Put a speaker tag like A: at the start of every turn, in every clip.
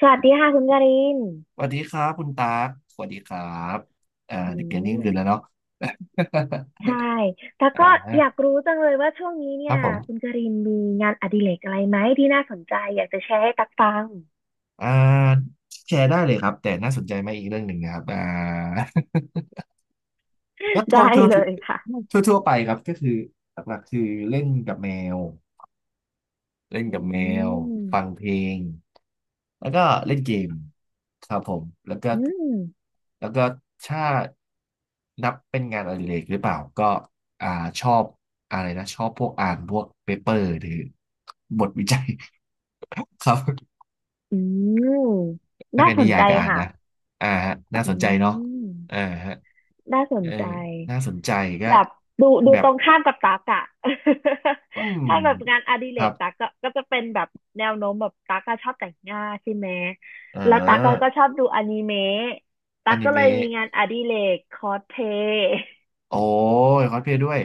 A: สวัสดีค่ะคุณการิน
B: สวัสดีครับคุณตากสวัสดีครับ
A: อื
B: เด็กเรียนนี่คืนแล้ว
A: ม
B: เนาะ
A: ใช่ แล้ ว
B: อ่
A: ก็อยาก
B: า
A: รู้จังเลยว่าช่วงนี้
B: ค
A: เนี่
B: รั
A: ย
B: บผ
A: คุณ
B: ม
A: การินมีงานอดิเรกอะไรไหมที่น่าสนใจอยากจะแชร์ให้ตักฟัง
B: อ่าแชร์ได้เลยครับแต่น่าสนใจไหมอีกเรื่องหนึ่งนะครับ ก็ ทั่ว
A: ได้
B: ทั่ว
A: เลยค่ะ
B: ทั่วทั่วไปครับก็คือหลักๆคือเล่นกับแมว เล่น
A: อื
B: กับแมวฟัง
A: ม
B: เพลงแล้วก็เล่นเกมครับผมแล้วก็
A: อืม
B: แล้วก็ถ้านับเป็นงานอดิเรกหรือเปล่าก็อ่าชอบอะไรนะชอบพวกอ่านพวกเปเปอร์หรือบทวิจัย ครับ
A: อืม
B: แล้ว
A: น่า
B: ก็
A: ส
B: นิ
A: น
B: ยา
A: ใจ
B: ยก็อ่าน
A: ค่ะ
B: นะอ่าฮะน่า
A: อื
B: สนใจเนาะอ่า
A: ม
B: ฮะ
A: น่าส
B: เอ
A: นใจ
B: ยน่าสนใจก็
A: แบบดู
B: แบ
A: ต
B: บ
A: รงข้ามกับตักอะ
B: อืม
A: ถ้าแบบงานอดิ
B: ค
A: เร
B: รั
A: ก
B: บ
A: ตักก็จะเป็นแบบแนวโน้มแบบตักก็ชอบแต่งหน้าใช่ไหม
B: อ่
A: แล้วตักก็
B: า
A: ชอบดูอนิเมะตั
B: อ
A: ก
B: นิ
A: ก็เล
B: เมะ
A: ยมีงานอดิเรกคอสเพลย์
B: โอ้ยคอสเพลย์ด้วย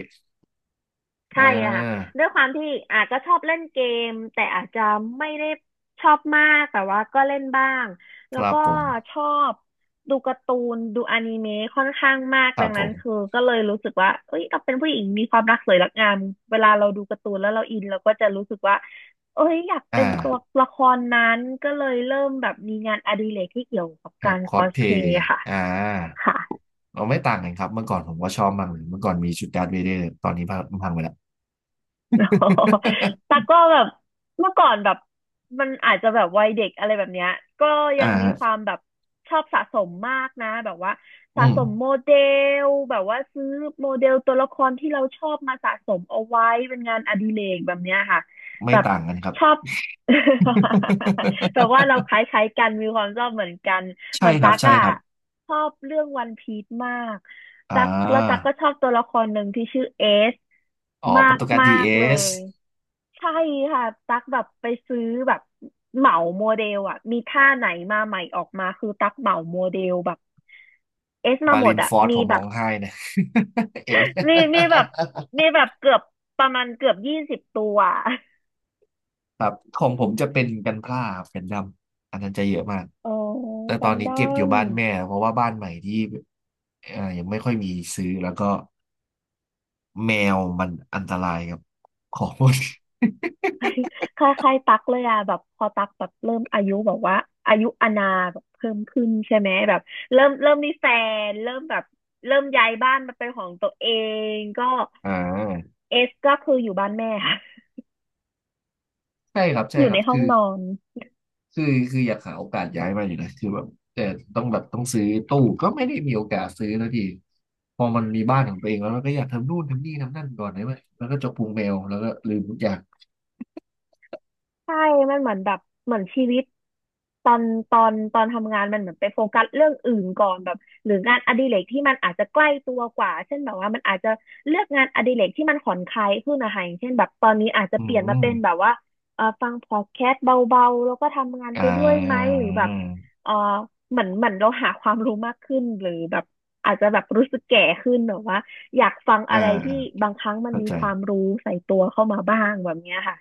B: อ่
A: ใช่อะค่ะ
B: า
A: ด้วยความที่อาจจะชอบเล่นเกมแต่อาจจะไม่ได้ชอบมากแต่ว่าก็เล่นบ้าง
B: ค
A: แล้ว
B: รับ
A: ก็
B: ผม
A: ชอบดูการ์ตูนดูอนิเมะค่อนข้างมาก
B: ครั
A: ดั
B: บ
A: ง
B: ผ
A: นั้นคือ
B: ม
A: ก็เลยรู้สึกว่าเอ้ยเราเป็นผู้หญิงมีความรักสวยรักงามเวลาเราดูการ์ตูนแล้วเราอินเราก็จะรู้สึกว่าเอ้ยอยาก
B: อ่า
A: เป็นตัวละครนั้นก็เลยเริ่มแบบมีงานอดิเรกที่เกี่ยวกับ
B: ครั
A: กา
B: บ
A: ร
B: ค
A: ค
B: อ
A: อ
B: ส
A: ส
B: เพ
A: เพล
B: ย์
A: ย์ค่ะ
B: อ่า
A: ค่ะ
B: เราไม่ต่างกันครับเมื่อก่อนผมก็ชอบมากเลยเมื่อก่อนมีชุดดาร์ธเวเดอร์ตอนนี้พังพังไปแล้ว
A: อ๋อตัก ก็แบบเมื่อก่อนแบบมันอาจจะแบบวัยเด็กอะไรแบบเนี้ยก็ยั
B: อ่า
A: งมี
B: ฮะ
A: ความแบบชอบสะสมมากนะแบบว่า
B: อื
A: สะ
B: ม
A: สมโมเดลแบบว่าซื้อโมเดลตัวละครที่เราชอบมาสะสมเอาไว้เป็นงานอดิเรกแบบเนี้ยค่ะ
B: ไม่
A: แบบ
B: ต่างกันครับ
A: ชอบ แบบว่าเรา คล้ายๆกันมีความชอบเหมือนกัน เห
B: ใช่
A: มือน
B: ครับ
A: ตั๊ก
B: ใช่
A: อะ
B: ครับ
A: ชอบเรื่องวันพีซมาก
B: อ่
A: ตั๊กแล้วตั๊ก
B: า
A: ก็ชอบตัวละครหนึ่งที่ชื่อเอส
B: อ๋อโป
A: มา
B: ร
A: ก
B: ตุเกส
A: มา
B: ดีเอ
A: กเล
B: ส
A: ยใช่ค่ะตั๊กแบบไปซื้อแบบเหมาโมเดลอะมีท่าไหนมาใหม่ออกมาคือตั๊กเหมาโมเดลแบบเอสมา
B: มา
A: หม
B: ริ
A: ด
B: น
A: อะ
B: ฟอร์ดผ
A: มี
B: ม
A: แบ
B: ร้อ
A: บ
B: งไห้นะ เอ็น
A: มีแบบมีแบบเกือบประมาณเกือบ20 ตัว
B: ครับของผมจะเป็นกันพร่าครับันดำอันนั้นจะเยอะมาก
A: อ๋อ
B: แต่ต
A: กั
B: อ
A: น
B: นนี้
A: ดอ
B: เก็บอยู่
A: น
B: บ้านแม่เพราะว่าบ้านใหม่ที่ยังไม่ค่อยมีซื้อแล้วก็แมวมันอันตรายกับของหมด
A: คล้ายคล้ายๆตักเลยอะแบบพอตักแบบเริ่มอายุแบบว่าอายุอานาแบบเพิ่มขึ้นใช่ไหมแบบเริ่มมีแฟนเริ่มแบบเริ่มย้ายบ้านมาเป็นของตัวเองก็
B: อ่า
A: เอสก็คืออยู่บ้านแม่ค่ะ
B: ใช่ครับใช่
A: อยู่
B: ครั
A: ใน
B: บ
A: ห้องนอน
B: คือคืออยากหาโอกาสย้ายมาอยู่นะคือแบบแต่ต้องแบบต้องซื้อตู้ก็ไม่ได้มีโอกาสซื้อแล้วทีพอมันมีบ้านของตัวเองแล้วเราก็อยากทำนู่นทำนี่ทำนั่นก่อนได้ไหมแล้วก็จกพุงแมวแล้วก็ลืมทุกอย่าง
A: ใช่ มันเหมือนแบบเหมือนชีวิตตอนตอนทำงานมันเหมือนไปโฟกัสเรื่องอื่นก่อนแบบหรืองานอดิเรกที่มันอาจจะใกล้ตัวกว่าเช่นแบบว่ามันอาจจะเลือกงานอดิเรกที่มันผ่อนคลายขึ้นนะคะอย่างเช่นแบบตอนนี้อาจจะ
B: อื
A: เปลี่ยนมา
B: ม
A: เป็นแบบว่าเออฟังพอดแคสต์เบาๆแล้วก็ทำงาน
B: อ่
A: ไปด้วยไหมหรือแบบ
B: า
A: เออเหมือนเหมือนเราหาความรู้มากขึ้นหรือแบบอาจจะแบบรู้สึกแก่ขึ้นแบบว่าอยากฟัง
B: อ่า
A: อะไร
B: อ่า
A: ที่บางครั้งมัน
B: เข้า
A: มี
B: ใจ
A: ความรู้ใส่ตัวเข้ามาบ้างแบบเนี้ยค่ะ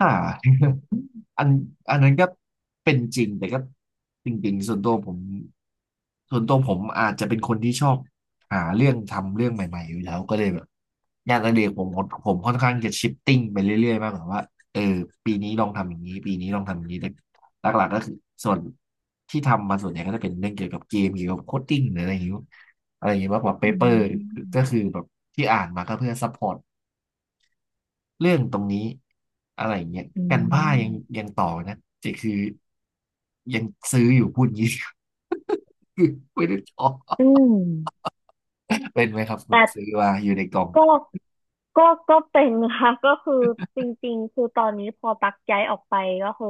B: อ่า อันอันนั้นก็เป็นจริงแต่ก็จริงๆส่วนตัวผมอาจจะเป็นคนที่ชอบหาเรื่องทำเรื่องใหม่ๆอยู่แล้วก็เลยแบบงานอดิเรกผมค่อนข้างจะชิปติ้งไปเรื่อยๆมากกว่าว่าเออปีนี้ลองทำอย่างนี้ปีนี้ลองทำอย่างนี้แต่หลักๆก็คือส่วนที่ทำมาส่วนใหญ่ก็จะเป็นเรื่องเกี่ยวกับเกมเกี่ยวกับโคดดิ้งหรืออะไรอย่างนี้อะไรอย่างนี้มากกว่าเป
A: อื
B: เปอร์ก็
A: ม
B: คือแบบที่อ่านมาก็เพื่อซัพพอร์ต เรื่องตรงนี้อะไรอย่างเงี้ย
A: อื
B: กันบ้ายัง
A: ม
B: ยังต่อนะจะคือยังซื้ออยู่พูดงี้ คือไม่ได้ต่อ
A: อืม
B: เป็นไหมครับผ
A: แต่
B: มซื้อมาอยู่ในกล่อง
A: ก็ก็ก็เป็นค่ะ ก็คือจริงๆคือตอนนี้พอตักย้ายออกไปก็คือ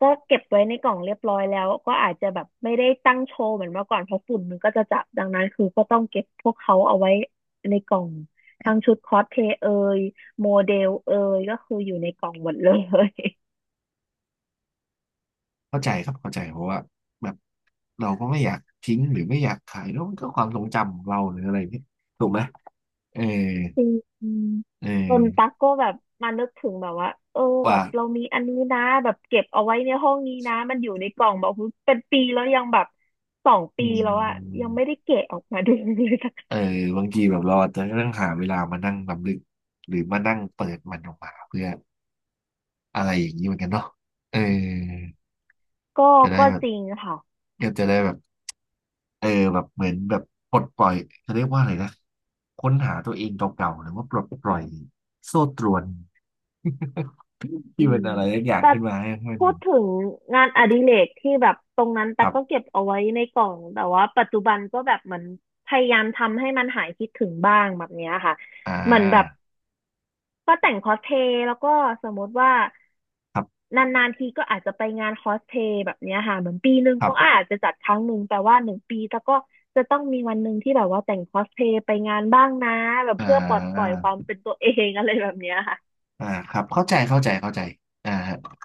A: ก็เก็บไว้ในกล่องเรียบร้อยแล้วก็อาจจะแบบไม่ได้ตั้งโชว์เหมือนเมื่อก่อนเพราะฝุ่นมันก็จะจับดังนั้นคือก็ต้องเก็บพวกเขาเอาไว้ในกล่องทั้งชุดคอสเพลย์เอยโมเดลเอยก็คืออยู่ในกล่องหมดเลย
B: เข้าใจครับเข้าใจเพราะว่าแบบเราก็ไม่อยากทิ้งหรือไม่อยากขายแล้วมันก็ความทรงจำของเราหรืออะไรเนี่ยถูกไหมเออ
A: จริง
B: เอ
A: จนตั๊
B: อ
A: กก็แบบมานึกถึงแบบว่าเออแบ
B: ว่า
A: บเรามีอันนี้นะแบบเก็บเอาไว้ในห้องนี้นะมันอยู่ในกล่องแบบเป็นปีแล้วยังแบบสอง
B: อื
A: ปีแล้วอะยั
B: ม
A: งไม่ได้แกะออกมา ดูเลยสัก
B: เออบางทีแบบเราอาจจะต้องหาเวลามานั่งรำลึกหรือมานั่งเปิดมันออกมาเพื่ออะไรอย่างนี้เหมือนกันเนาะเออ
A: ก็
B: จะได้
A: ก็
B: แบบ
A: จริงค่ะ
B: ก็จะได้แบบเออแบบเหมือนแบบปลดปล่อยจะเรียกว่าอะไรนะค้นหาตัวเองเก่าๆหรือว่าปลดปล่อยโซ่ตรวน
A: อื
B: ที่เป็
A: ม
B: นอะไรสักอย่าง
A: แต่
B: ขึ้นมาให้มัน
A: พูดถึงงานอดิเรกที่แบบตรงนั้น
B: ค
A: ตั๊
B: รั
A: ก
B: บ
A: ก็เก็บเอาไว้ในกล่องแต่ว่าปัจจุบันก็แบบเหมือนพยายามทำให้มันหายคิดถึงบ้างแบบเนี้ยค่ะ
B: อ่
A: เหมือนแบบ
B: า
A: ก็แต่งคอสเพลย์แล้วก็สมมติว่า
B: ครับ
A: นานๆทีก็อาจจะไปงานคอสเพลย์แบบเนี้ยค่ะเหมือนปีหนึ่ง
B: ครั
A: เขา
B: บ
A: อาจจะจัดครั้งหนึ่งแต่ว่าหนึ่งปีแล้วก็จะต้องมีวันหนึ่งที่แบบว่าแต่งคอสเพลย์ไปงานบ้างนะแบบ
B: อ่
A: เพื่อปลดปล่อ
B: า
A: ยความเป็นตัวเอง อะไรแบบเนี้ยค่ะ
B: ครับเข้าใจเข้าใจเข้าใจอ่า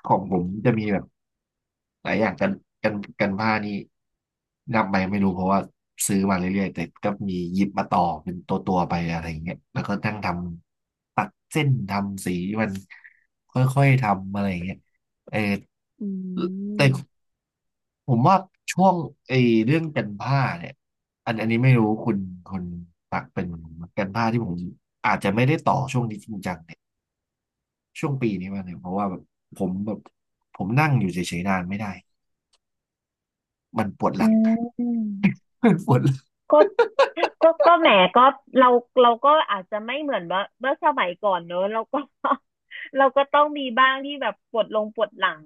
B: ของผมจะมีแบบ หลายอย่างกันกันผ้านี่นับไปไม่รู้เพราะว่าซื้อมาเรื่อยๆแต่ก็มีหยิบมาต่อเป็นตัวตัวไปอะไรอย่างเงี้ยแล้วก็นั่งทำตัดเส้นทำสีมันค่อยๆทำอะไรอย่างเงี้ยเออ
A: อื
B: แต่
A: ม
B: ผมว่าช่วงไอ้เรื่องกันผ้าเนี่ยอันนี้ไม่รู้คุณปักเป็นกันผ้าที่ผมอาจจะไม่ได้ต่อช่วงนี้จริงจังเนี่ยช่วงปีนี้มาเนี่ยเพราะว่าแบบผมนั่งอยู่เฉยๆนานไม่ได้มันปวดห
A: อื
B: ลัง
A: ม
B: เป็นฝน
A: ก็ก็แหมก็เราเราก็อาจจะไม่เหมือนว่าเมื่อสมัยก่อนเนอะเราก็ เราก็ต้องมีบ้างที่แบบปวดลงปวดหลัง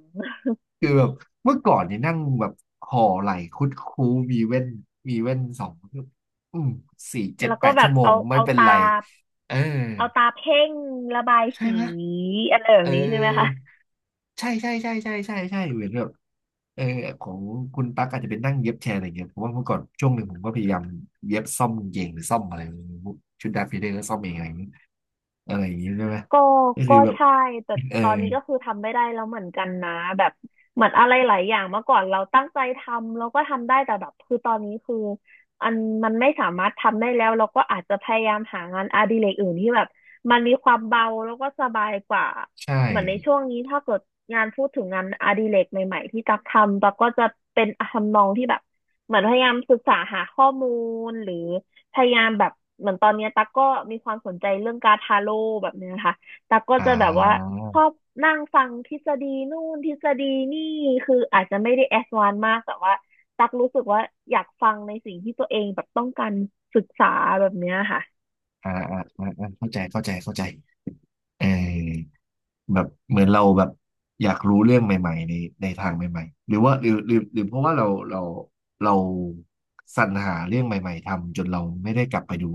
B: คือแบบเมื่อก่อนนี่นั่งแบบห่อไหลคุดคู้มีเว้นมีเว้นสองอืมสี่เจ็ด
A: แล้ว
B: แป
A: ก็
B: ด
A: แบ
B: ชั่
A: บ
B: วโมง
A: เอา
B: ไม่
A: เอา
B: เป็น
A: ตา
B: ไรเออ
A: เอาตาเพ่งระบาย
B: ใช่
A: สี
B: ไหม
A: อะไรแบ
B: เ
A: บนี้ใช่ไหมคะ
B: ออใช่ใช่ใช่ใช่ใช่ใช่เหมือนแบบเออของคุณตั๊กอาจจะเป็นนั่งเย็บแชร์อะไรเงี้ยเพราะว่าเมื่อก่อนช่วงหนึ่งผมก็พยายามเย็บซ่อมกางเกงหรือซ่อมอะไรไม่รู้ชุดดาฟิเดอร์ก็ซ่อมเองอะไรอย่างเงี้ยอะไรอย่างเงี้ยใช่ไหม
A: ก็
B: ก็คื
A: ก็
B: อแบบ
A: ใช่แต่
B: เออ
A: ตอนนี้ก็คือทำไม่ได้แล้วเหมือนกันนะแบบเหมือนอะไรหลายอย่างเมื่อก่อนเราตั้งใจทำเราก็ทำได้แต่แบบคือตอนนี้คืออันมันไม่สามารถทำได้แล้วเราก็อาจจะพยายามหางานอดิเรกอื่นที่แบบมันมีความเบาแล้วก็สบายกว่า
B: ใช่
A: เหมือนในช่วงนี้ถ้าเกิดงานพูดถึงงานอดิเรกใหม่ๆที่ตักทำตักก็จะเป็นทำนองที่แบบเหมือนพยายามศึกษาหาข้อมูลหรือพยายามแบบเหมือนตอนเนี้ยตั๊กก็มีความสนใจเรื่องการดทาโร่แบบเนี้ยค่ะ ตักก็
B: อ่
A: จะแบบว่าชอ
B: า
A: บนั่งฟังทฤษฎีนู่นทฤษฎีนี่คืออาจจะไม่ได้แอดวานซ์มากแต่ว่าตักรู้สึกว่าอยากฟังในสิ่งที่ตัวเองแบบต้องการศึกษาแบบเนี้ยค่ะ
B: เข้าใจเข้าใจเข้าใจเออแบบเหมือนเราแบบอยากรู้เรื่องใหม่ๆในในทางใหม่ๆหรือว่าหรือหรือหรือเพราะว่าเราสรรหาเรื่องใหม่ๆทำจนเราไม่ได้กลับไปดู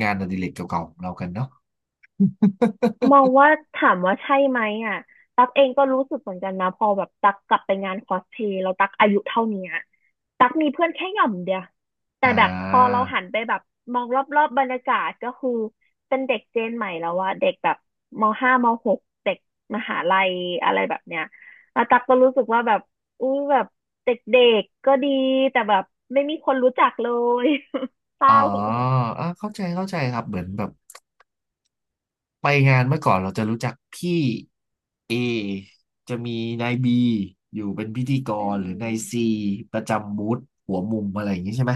B: งานอดิเรกเก่าๆของเรากันเนาะ
A: มองว่าถามว่าใช่ไหมอ่ะตักเองก็รู้สึกเหมือนกันนะพอแบบตักกลับไปงานคอสเพลย์แตักอายุเท่าเนี้ยตักมีเพื่อนแค่หย่อมเดียว แต่
B: อ่
A: แบบพอเรา
B: า
A: หันไปแบบมองรอบๆบรรยากาศก็คือเป็นเด็กเจนใหม่แล้วว่าเด็กแบบมห้ามหกเด็กมหาลัยอะไรแบบเนี้ยแล้วตักก็รู้สึกว่าแบบอุ้ยแบบเด็กๆก็ดีแต่แบบไม่มีคนรู้จักเลย เศ
B: อ๋อ
A: ร้า
B: อ่าเข้าใจเข้าใจครับเหมือนแบบไปงานเมื่อก่อนเราจะรู้จักพี่ จะมีนายบีอยู่เป็นพิธีก
A: อื
B: รหรือนา
A: ม
B: ยซีประจำบูธหัวมุมอะไรอย่างนี้ใช่ไหม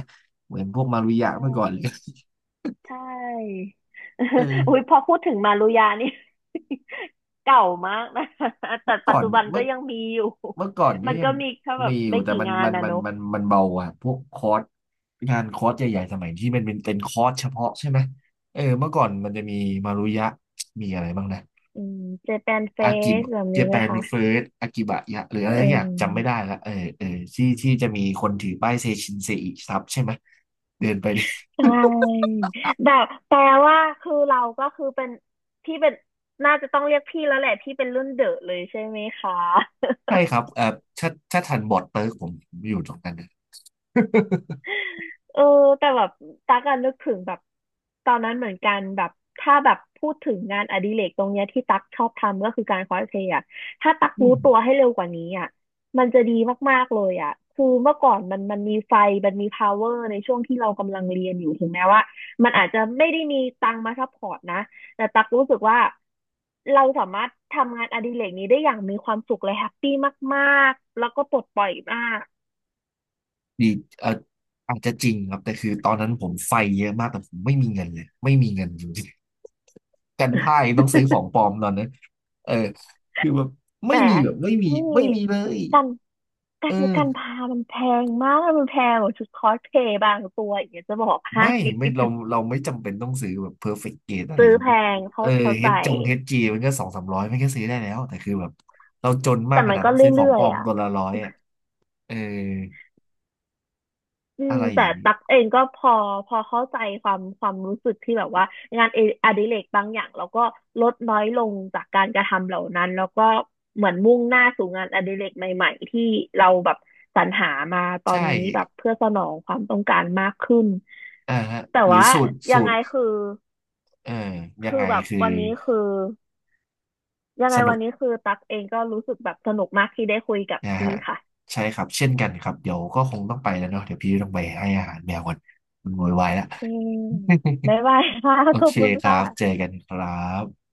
B: เหมือนพวกมารุยะ
A: ใช่
B: เมื่อก่อนเลย
A: ใช่ อุ้ย
B: เออ
A: พอพูดถึงมารุยานี่ เก่ามากนะ แต่
B: เมื่อก่
A: ปั
B: อ
A: จ
B: น
A: จุบัน
B: เมื่
A: ก็
B: อ
A: ยังมีอยู่
B: เมื่อก่อน ก็
A: มัน
B: ยั
A: ก็
B: ง
A: มีแค่แบ
B: มี
A: บ
B: อยู่
A: ไม่
B: แต่
A: กี่
B: มัน
A: งาน
B: มัน
A: นะ
B: มั
A: เน
B: น
A: อะ
B: มันมันเบาอ่ะพวกคอร์สงานคอร์สใหญ่ๆสมัยที่มันเป็นคอร์สเฉพาะใช่ไหมเออเมื่อก่อนมันจะมีมารุยะมีอะไรบ้างนะ
A: อืมเจแปนเฟ
B: อากิบ
A: สแบบ
B: เจ
A: นี้
B: แป
A: ไหม
B: น
A: คะ
B: เฟิร์สอากิบะยะหรืออะ
A: เอื
B: ไรสักอย่า
A: ม
B: งจำไม่ได้ละเออที่จะมีคนถือป้ายเซชินเซอิซับใช่ไหมเดินไป
A: ใช่แบบแปลว่าคือเราก็คือเป็นพี่เป็นน่าจะต้องเรียกพี่แล้วแหละพี่เป็นรุ่นเดอะเลยใช่ไหมคะ
B: ใช่ครับเอ่อถ้าทันบอร์ดเติร์กผมอยู่ตรงนั้นนะ
A: เออแต่แบบตักอันนึกถึงแบบตอนนั้นเหมือนกันแบบถ้าแบบพูดถึงงานอดิเรกตรงเนี้ยที่ตักชอบทำก็คือการคอสเพลย์อะถ้าตัก
B: อื
A: รู้
B: ม
A: ตัวให้เร็วกว่านี้อะมันจะดีมากๆเลยอะคือเมื่อก่อนมันมีไฟมันมี power ในช่วงที่เรากำลังเรียนอยู่ถึงแม้ว่ามันอาจจะไม่ได้มีตังค์มาซัพพอร์ตนะแต่ตักรู้สึกว่าเราสามารถทำงานอดิเรกนี้ได้อย่างมีความสุขและแฮปปี้มากๆแล้วก็ปลดปล่อยมาก
B: ดีเอ่ออาจจะจริงครับ แต่คือตอนนั้นผมไฟเยอะมากแต่ผมไม่มีเงินเลยไม่มีเงินจริงๆกันพ่ายต้องซื้อของปลอมตอนนั้นเออคือแบบ
A: แห
B: ไม่
A: ม
B: มีแบบไม่มี
A: พี่
B: ไม่มีเลย
A: กันกา
B: เอ
A: ร
B: อ
A: การพามันแพงมากมันแพงกว่าชุดคอสเพลย์บางตัวอย่างเนี้ยจะบอกให้
B: ไม่เราไม่จำเป็นต้องซื้อแบบเพอร์เฟกต์เกอะ ไร
A: ซื้
B: อ
A: อ
B: ย่าง
A: แพ
B: งี้
A: งเขา
B: เออ
A: เข้า
B: เฮ
A: ใจ
B: ดจงเฮดจีมันก็สองสามร้อยมันก็ซื้อได้แล้วแต่คือแบบเราจนมาก
A: แต่
B: ข
A: มัน
B: นาด
A: ก็
B: ต้องซื้อของ
A: เรื่อ
B: ปล
A: ย
B: อม
A: ๆอ่ะ
B: ตัวละร้อยอ่ะเออ
A: อื
B: อะ
A: ม
B: ไรอ
A: แต่
B: ย่างนี้
A: ตักเองก็พอเข้าใจความรู้สึกที่แบบว่างานเออดิเรกบางอย่างเราก็ลดน้อยลงจากการกระทำเหล่านั้นแล้วก็เหมือนมุ่งหน้าสู่งานอดิเรกใหม่ๆที่เราแบบสรรหามาตอน
B: ใช่
A: นี้แบบเพื่อสนองความต้องการมากขึ้น
B: อ่าฮะ
A: แต่
B: หรือ
A: ว่า
B: สูตร
A: ยั
B: สู
A: งไง
B: ตร
A: คือ
B: เอ่อยัง
A: คือ
B: ไง
A: แบบ
B: คือ
A: วันนี้คือยังไง
B: สนุ
A: วั
B: ก
A: นนี้คือตั๊กเองก็รู้สึกแบบสนุกมากที่ได้คุยกับ
B: นะ
A: พี่
B: ฮะ
A: ค่ะ
B: ใช่ครับเช่นกันครับเดี๋ยวก็คงต้องไปแล้วเนาะเดี๋ยวพี่ต้องไปให้อาหารแมวก่อนมันโวยวายแล้ว
A: โอเคบ๊ายบายค่ะ
B: โอ
A: ขอ
B: เค
A: บคุณ
B: ครั
A: ค่ะ
B: บเจอกันครับ